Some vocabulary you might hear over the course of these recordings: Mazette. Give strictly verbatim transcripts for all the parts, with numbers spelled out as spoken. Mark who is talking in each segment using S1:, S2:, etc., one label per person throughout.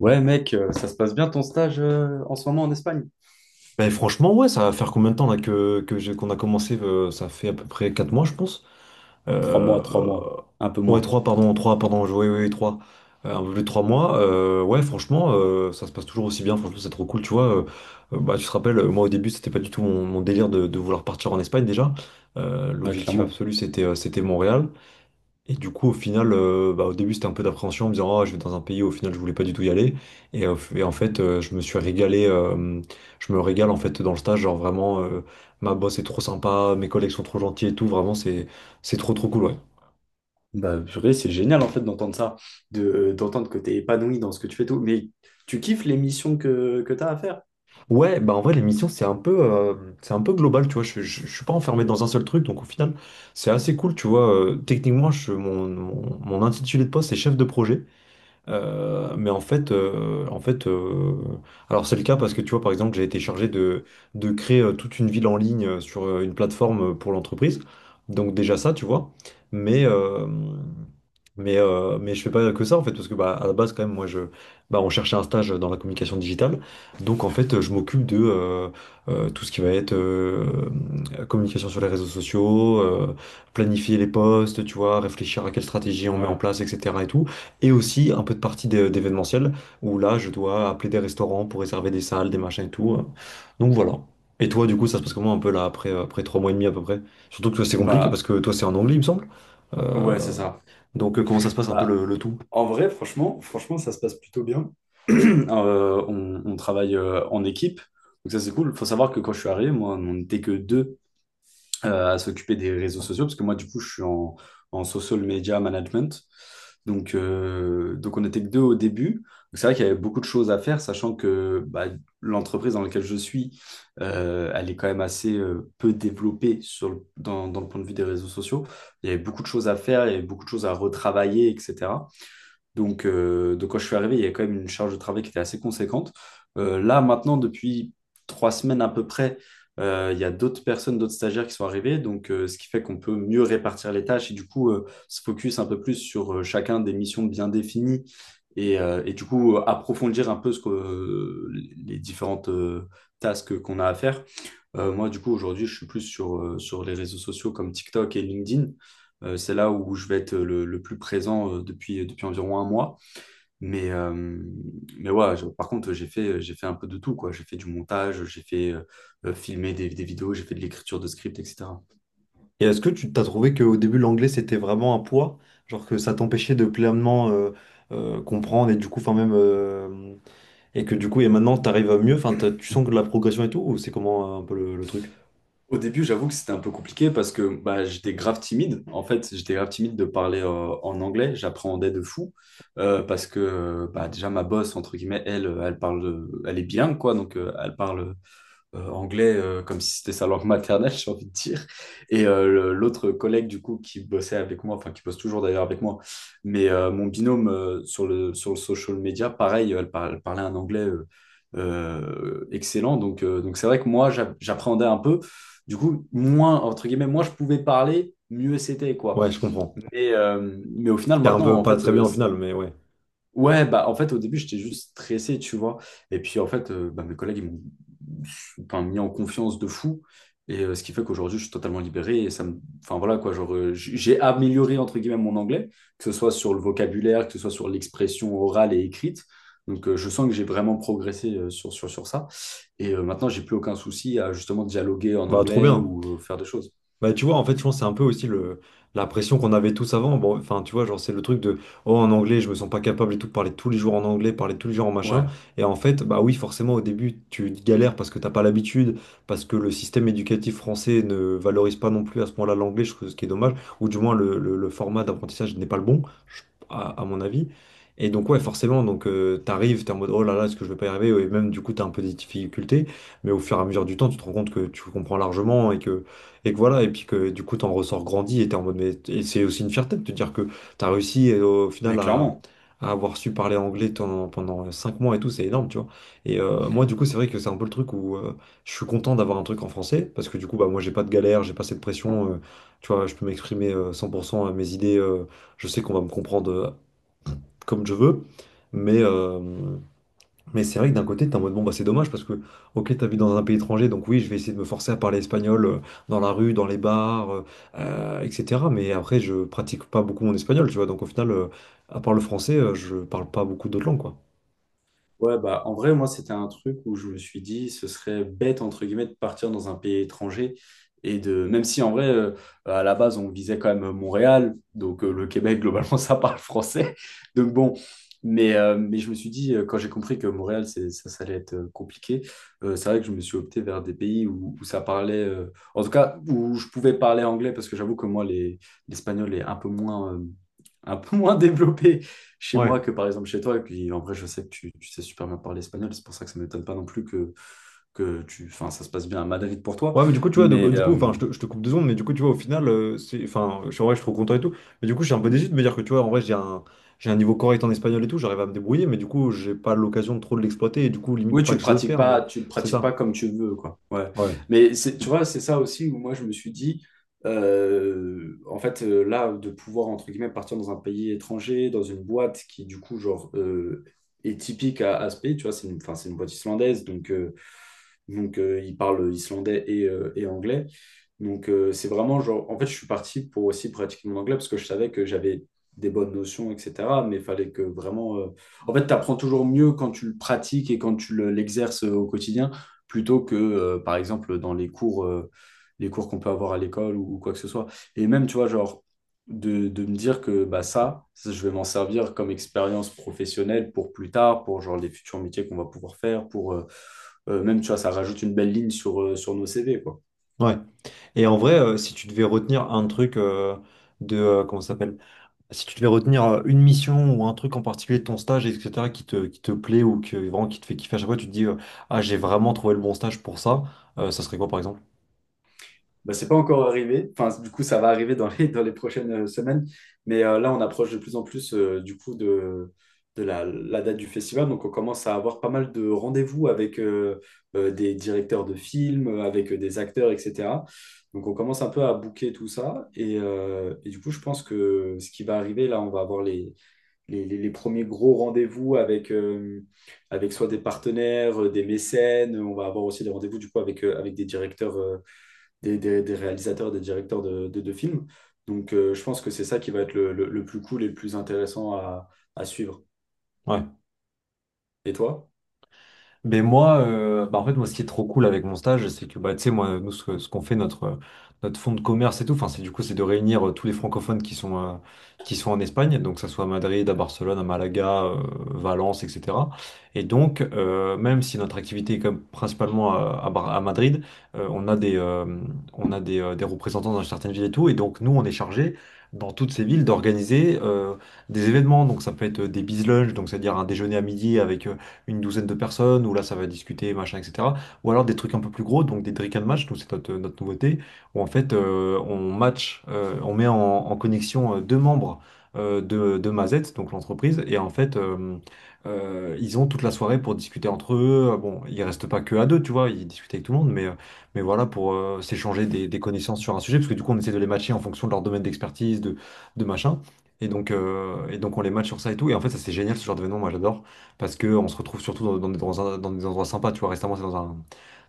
S1: Ouais, mec, euh, ça se passe bien ton stage euh, en ce moment en Espagne?
S2: Ben franchement, ouais, ça va faire combien de temps là que, que j'ai- qu'on a commencé, euh, ça fait à peu près quatre mois, je pense.
S1: Trois
S2: Euh,
S1: mois, trois mois, un peu
S2: Ouais,
S1: moins,
S2: trois pardon, trois pardon, oui, oui, trois. Un peu plus de trois mois. Euh, ouais, franchement, euh, ça se passe toujours aussi bien. Franchement, c'est trop cool, tu vois. Euh, euh, bah, tu te rappelles, euh, moi au début, c'était pas du tout mon, mon délire de, de vouloir partir en Espagne déjà. Euh,
S1: ouais,
S2: l'objectif
S1: clairement.
S2: absolu, c'était euh, c'était Montréal. Et du coup, au final, euh, bah, au début, c'était un peu d'appréhension en me disant: Ah, je vais dans un pays où au final, je voulais pas du tout y aller. Et, euh, f- et en fait, euh, je me suis régalé. Euh, je me régale en fait dans le stage. Genre vraiment, euh, ma boss est trop sympa, mes collègues sont trop gentils et tout. Vraiment, c'est, c'est trop, trop cool, ouais.
S1: Bah, purée, c'est génial en fait d'entendre ça, de, euh, d'entendre que t'es épanoui dans ce que tu fais tout. Mais tu kiffes les missions que, que t'as à faire?
S2: Ouais, bah en vrai, l'émission, c'est un peu, euh, c'est un peu global, tu vois. Je, je, je suis pas enfermé dans un seul truc, donc au final, c'est assez cool, tu vois. Euh, techniquement, je, mon, mon, mon intitulé de poste, c'est chef de projet. Euh, mais en fait, euh, en fait euh, Alors c'est le cas parce que tu vois, par exemple, j'ai été chargé de, de créer, euh, toute une ville en ligne, euh, sur euh, une plateforme, euh, pour l'entreprise. Donc déjà ça, tu vois. Mais, euh, mais, euh, mais je fais pas que ça, en fait, parce que bah, à la base, quand même, moi, je, bah, on cherchait un stage dans la communication digitale. Donc en fait, je m'occupe de, euh, euh, tout ce qui va être, euh, communication sur les réseaux sociaux, euh, planifier les posts, tu vois, réfléchir à quelle stratégie on met en
S1: Ouais.
S2: place, et cetera et tout. Et aussi un peu de partie d'é- d'événementiel, où là, je dois appeler des restaurants pour réserver des salles, des machins et tout. euh. Donc voilà. Et toi, du coup, ça se passe comment un peu là, après, euh, après trois mois et demi à peu près? Surtout que toi, c'est compliqué parce
S1: Bah,
S2: que toi, c'est en anglais, il me semble. Euh,
S1: ouais, c'est ça.
S2: donc euh, Comment ça se passe un peu
S1: Bah,
S2: le, le tout?
S1: en vrai, franchement, franchement, ça se passe plutôt bien. Euh, on, on travaille euh, en équipe, donc ça c'est cool. Faut savoir que quand je suis arrivé, moi, on n'était que deux euh, à s'occuper des réseaux sociaux, parce que moi, du coup, je suis en, en social media management. Donc, euh, donc on n'était que deux au début. Donc, c'est vrai qu'il y avait beaucoup de choses à faire, sachant que bah, l'entreprise dans laquelle je suis, euh, elle est quand même assez euh, peu développée sur le- dans, dans le point de vue des réseaux sociaux. Il y avait beaucoup de choses à faire, il y avait beaucoup de choses à retravailler, et cetera. Donc, euh, donc quand je suis arrivé, il y a quand même une charge de travail qui était assez conséquente. Euh, là, maintenant, depuis trois semaines à peu près, euh, il y a d'autres personnes, d'autres stagiaires qui sont arrivés, donc euh, ce qui fait qu'on peut mieux répartir les tâches et du coup euh, se focus un peu plus sur euh, chacun des missions bien définies et, euh, et du coup euh, approfondir un peu ce que, euh, les différentes euh, tasks qu'on a à faire. Euh, moi, du coup, aujourd'hui, je suis plus sur, euh, sur les réseaux sociaux comme TikTok et LinkedIn. Euh, c'est là où je vais être le, le plus présent euh, depuis, depuis environ un mois. Mais, euh, mais ouais, je- par contre, j'ai fait, j'ai fait un peu de tout, quoi. J'ai fait du montage, j'ai fait euh, euh, filmer des, des vidéos, j'ai fait de l'écriture de script, et cetera.
S2: Et est-ce que tu t'as trouvé qu'au début, l'anglais, c'était vraiment un poids? Genre que ça t'empêchait de pleinement, euh, euh, comprendre et du coup, enfin même... euh, Et que du coup, et maintenant, t'arrives à mieux, enfin, t'as- tu sens que de la progression et tout, ou c'est comment, euh, un peu le le truc?
S1: Au début, j'avoue que c'était un peu compliqué parce que bah, j'étais grave timide. En fait, j'étais grave timide de parler euh, en anglais. J'appréhendais de fou euh, parce que euh, bah, déjà, ma boss, entre guillemets, elle, euh, elle parle, euh, elle est bilingue, quoi. Donc, euh, elle parle euh, anglais euh, comme si c'était sa langue maternelle, j'ai envie de dire. Et euh, le- l'autre collègue, du coup, qui bossait avec moi, enfin, qui bosse toujours d'ailleurs avec moi, mais euh, mon binôme euh, sur le, sur le social media, pareil, elle, par- elle parlait un anglais euh, euh, excellent. Donc, euh, donc c'est vrai que moi, j'a- j'appréhendais un peu. Du coup, moins, entre guillemets, moi, je pouvais parler, mieux c'était, quoi.
S2: Ouais, je comprends.
S1: Mais, euh, mais au final,
S2: C'était un
S1: maintenant,
S2: peu
S1: en
S2: pas
S1: fait,
S2: très
S1: euh…
S2: bien au final, mais ouais.
S1: Ouais, bah en fait au début j'étais juste stressé, tu vois. Et puis en fait, euh, bah, mes collègues ils m'ont enfin, mis en confiance de fou. Et euh, ce qui fait qu'aujourd'hui je suis totalement libéré. Et ça me… Enfin voilà quoi, genre euh, j- j'ai amélioré entre guillemets mon anglais, que ce soit sur le vocabulaire, que ce soit sur l'expression orale et écrite. Donc euh, je sens que j'ai vraiment progressé euh, sur, sur, sur ça. Et euh, maintenant j'ai plus aucun souci à justement dialoguer en
S2: Bah trop
S1: anglais
S2: bien.
S1: ou euh, faire des choses.
S2: Bah tu vois, en fait, je pense que c'est un peu aussi le la pression qu'on avait tous avant. Bon, enfin, tu vois, genre c'est le truc de: oh en anglais, je me sens pas capable et tout, parler tous les jours en anglais, parler tous les jours en machin.
S1: Ouais,
S2: Et en fait, bah oui, forcément au début, tu galères parce que t'as pas l'habitude, parce que le système éducatif français ne valorise pas non plus à ce point-là l'anglais, je trouve, ce qui est dommage, ou du moins le, le- le format d'apprentissage n'est pas le bon, je- à, à mon avis. Et donc ouais, forcément, donc euh, t'arrives, t'es en mode oh là là, est-ce que je vais pas y arriver? Et même du coup, t'as un peu des difficultés, mais au fur et à mesure du temps, tu te rends compte que tu comprends largement et que et que voilà, et puis que du coup, t'en ressors grandi et t'es en mode, mais et c'est aussi une fierté de te dire que t'as réussi, euh, au final,
S1: mais
S2: à,
S1: clairement.
S2: à avoir su parler anglais ton- pendant cinq mois et tout, c'est énorme, tu vois. Et euh, moi, du coup, c'est vrai que c'est un peu le truc où euh, je suis content d'avoir un truc en français parce que du coup, bah, moi, j'ai pas de galère, j'ai pas cette pression. Euh, tu vois, je peux m'exprimer, euh, cent pour cent à mes idées. Euh, je sais qu'on va me comprendre, euh, comme je veux, mais. euh, mais c'est vrai que d'un côté, t'es en mode bon, bah c'est dommage parce que, ok, t'as vu dans un pays étranger, donc oui, je vais essayer de me forcer à parler espagnol, euh, dans la rue, dans les bars, euh, euh, et cetera. Mais après, je pratique pas beaucoup mon espagnol, tu vois. Donc au final, euh, à part le français, euh, je parle pas beaucoup d'autres langues, quoi.
S1: Ouais, bah, en vrai, moi, c'était un truc où je me suis dit, ce serait bête, entre guillemets, de partir dans un pays étranger. Et de, même si, en vrai, euh, à la base, on visait quand même Montréal, donc euh, le Québec, globalement, ça parle français. Donc bon, mais, euh, mais je me suis dit, euh, quand j'ai compris que Montréal, c'est, ça, ça allait être euh, compliqué, euh, c'est vrai que je me suis opté vers des pays où, où ça parlait, euh, en tout cas, où je pouvais parler anglais, parce que j'avoue que moi, les, l'espagnol est un peu moins… euh, un peu moins développé chez
S2: Ouais.
S1: moi que par exemple chez toi. Et puis en vrai, je sais que tu, tu sais super bien parler espagnol, c'est pour ça que ça ne m'étonne pas non plus que, que tu, enfin, ça se passe bien à Madrid pour toi.
S2: Ouais, mais du coup, tu vois, de-
S1: Mais
S2: du coup,
S1: euh,
S2: enfin, je te, je te coupe deux secondes, mais du coup, tu vois, au final, euh, c'est, enfin, je suis en vrai, je suis trop content et tout. Mais du coup, je suis un peu déçu de me dire que, tu vois, en vrai, j'ai un, j'ai un niveau correct en espagnol et tout, j'arrive à me débrouiller, mais du coup, j'ai pas l'occasion de trop de l'exploiter et du coup,
S1: oui,
S2: limite
S1: tu
S2: pas
S1: le
S2: que je le
S1: pratiques
S2: perds, mais
S1: pas, tu le
S2: c'est
S1: pratiques
S2: ça.
S1: pas comme tu le veux, quoi. Ouais.
S2: Ouais.
S1: Mais c'est- tu vois, c'est ça aussi où moi je me suis dit, euh, en fait, euh, là, de pouvoir entre guillemets partir dans un pays étranger, dans une boîte qui du coup genre euh, est typique à, à ce pays, tu vois, c'est une, enfin, c'est une boîte islandaise, donc. euh, donc, euh, ils parlent islandais et, euh, et anglais. Donc, euh, c'est vraiment genre… En fait, je suis parti pour aussi pratiquer mon anglais parce que je savais que j'avais des bonnes notions, et cetera. Mais il fallait que vraiment… euh, En fait, tu apprends toujours mieux quand tu le pratiques et quand tu le- l'exerces euh, au quotidien, plutôt que, euh, par exemple, dans les cours, euh, les cours qu'on peut avoir à l'école ou, ou quoi que ce soit. Et même, tu vois, genre, de, de me dire que bah, ça, ça, je vais m'en servir comme expérience professionnelle pour plus tard, pour genre les futurs métiers qu'on va pouvoir faire, pour, euh, euh, même, tu vois, ça rajoute une belle ligne sur, euh, sur nos C V, quoi.
S2: Ouais. Et en vrai, euh, si tu devais retenir un truc, euh, de, euh, comment ça s'appelle? Si tu devais retenir, euh, une mission ou un truc en particulier de ton stage, et cetera, qui te, qui te plaît ou que, vraiment, qui te fait kiffer à chaque fois, tu te dis, euh, ah, j'ai vraiment trouvé le bon stage pour ça, euh, ça serait quoi par exemple?
S1: Bah, c'est pas encore arrivé. Enfin, du coup, ça va arriver dans les, dans les prochaines euh, semaines. Mais euh, là, on approche de plus en plus, euh, du coup, de, de la, la date du festival. Donc, on commence à avoir pas mal de rendez-vous avec euh, euh, des directeurs de films, euh, avec euh, des acteurs, et cetera. Donc, on commence un peu à booker tout ça. Et, euh, et du coup, je pense que ce qui va arriver, là, on va avoir les, les, les- les premiers gros rendez-vous avec, euh, avec soit des partenaires, euh, des mécènes. On va avoir aussi des rendez-vous du coup avec, euh, avec des directeurs, euh, des, des- des réalisateurs, des directeurs de, de, de films. Donc euh, je pense que c'est ça qui va être le, le- le plus cool et le plus intéressant à, à suivre.
S2: Ouais.
S1: Et toi?
S2: Mais moi, euh, bah en fait, moi, ce qui est trop cool avec mon stage, c'est que, bah, tu sais, moi, nous, ce, que- ce qu'on fait, notre, euh, notre fonds de commerce et tout, enfin, c'est du coup, c'est de réunir, euh, tous les francophones qui sont, euh, qui sont en Espagne, donc, que ça soit à Madrid, à Barcelone, à Malaga, euh, Valence, et cetera. Et donc, euh, même si notre activité est quand même principalement à, à Bar- à Madrid, euh, on a des, euh, on a des, euh, des représentants dans certaines villes et tout, et donc, nous, on est chargé, dans toutes ces villes, d'organiser, euh, des événements. Donc ça peut être, euh, des business lunch, donc c'est-à-dire un déjeuner à midi avec, euh, une douzaine de personnes, où là ça va discuter, machin, et cetera. Ou alors des trucs un peu plus gros, donc des Drick and Match, donc c'est notre, euh, notre nouveauté, où en fait, euh, on match, euh, on met en, en connexion, euh, deux membres, euh, de, de Mazette, donc l'entreprise, et en fait, euh, euh, ils ont toute la soirée pour discuter entre eux. Bon, ils restent pas que à deux, tu vois, ils discutent avec tout le monde, mais, euh, mais voilà, pour, euh, s'échanger des, des connaissances sur un sujet, parce que du coup on essaie de les matcher en fonction de leur domaine d'expertise, de, de machin. Et donc, euh, et donc on les match sur ça et tout. Et en fait, ça c'est génial ce genre d'événement, moi j'adore. Parce que on se retrouve surtout dans, dans des dans un- dans des endroits sympas, tu vois. Récemment, c'est dans un,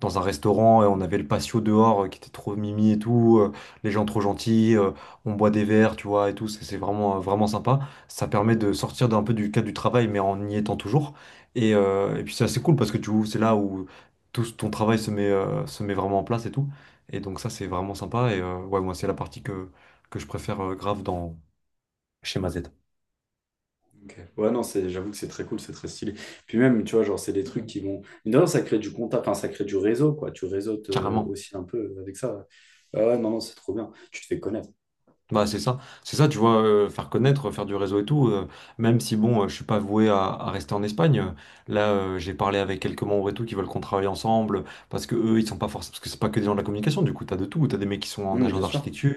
S2: dans un restaurant et on avait le patio dehors, euh, qui était trop mimi et tout. Euh, les gens trop gentils, euh, on boit des verres, tu vois, et tout. C'est c'est vraiment, euh, vraiment sympa. Ça permet de sortir d'un peu du cadre du travail, mais en y étant toujours. Et, euh, et puis, c'est assez cool parce que tu vois, c'est là où tout ton travail se met, euh, se met vraiment en place et tout. Et donc, ça, c'est vraiment sympa. Et euh, ouais, moi, c'est la partie que, que je préfère, euh, grave dans chez Mazette.
S1: Ok. Ouais, non, c'est, j'avoue que c'est très cool, c'est très stylé. Puis même, tu vois, genre, c'est des trucs qui vont… Mais d'ailleurs, ça crée du contact, enfin, ça crée du réseau, quoi. Tu réseautes euh,
S2: Carrément.
S1: aussi un peu avec ça. Ah ouais, non, non, c'est trop bien. Tu te fais connaître.
S2: Bah c'est ça, c'est ça, tu vois, euh, faire connaître, faire du réseau et tout, euh, même si bon, euh, je suis pas voué à, à rester en Espagne, euh, là euh, j'ai parlé avec quelques membres et tout qui veulent qu'on travaille ensemble, parce que eux ils sont pas forcément, parce que c'est pas que des gens de la communication, du coup t'as de tout, t'as des mecs qui sont en
S1: Hum,
S2: agence
S1: bien sûr.
S2: d'architecture,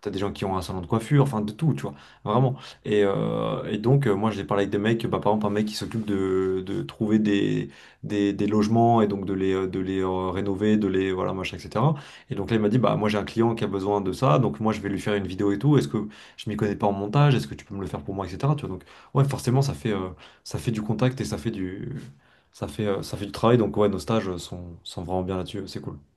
S2: t'as des gens qui ont un salon de coiffure, enfin de tout, tu vois, vraiment. Et, euh, et donc euh, moi j'ai parlé avec des mecs, bah par exemple un mec qui s'occupe de, de trouver des, des, des logements et donc de les, euh, de les euh, rénover, de les, voilà, machin, et cetera. Et donc là, il m'a dit, bah moi j'ai un client qui a besoin de ça, donc moi je vais lui faire une vidéo et tout. Est-ce que je m'y connais pas en montage? Est-ce que tu peux me le faire pour moi, et cetera. Tu vois, donc ouais, forcément, ça fait, euh, ça fait du contact et ça fait du, ça fait, euh, ça fait du travail. Donc ouais, nos stages sont, sont vraiment bien là-dessus, c'est cool.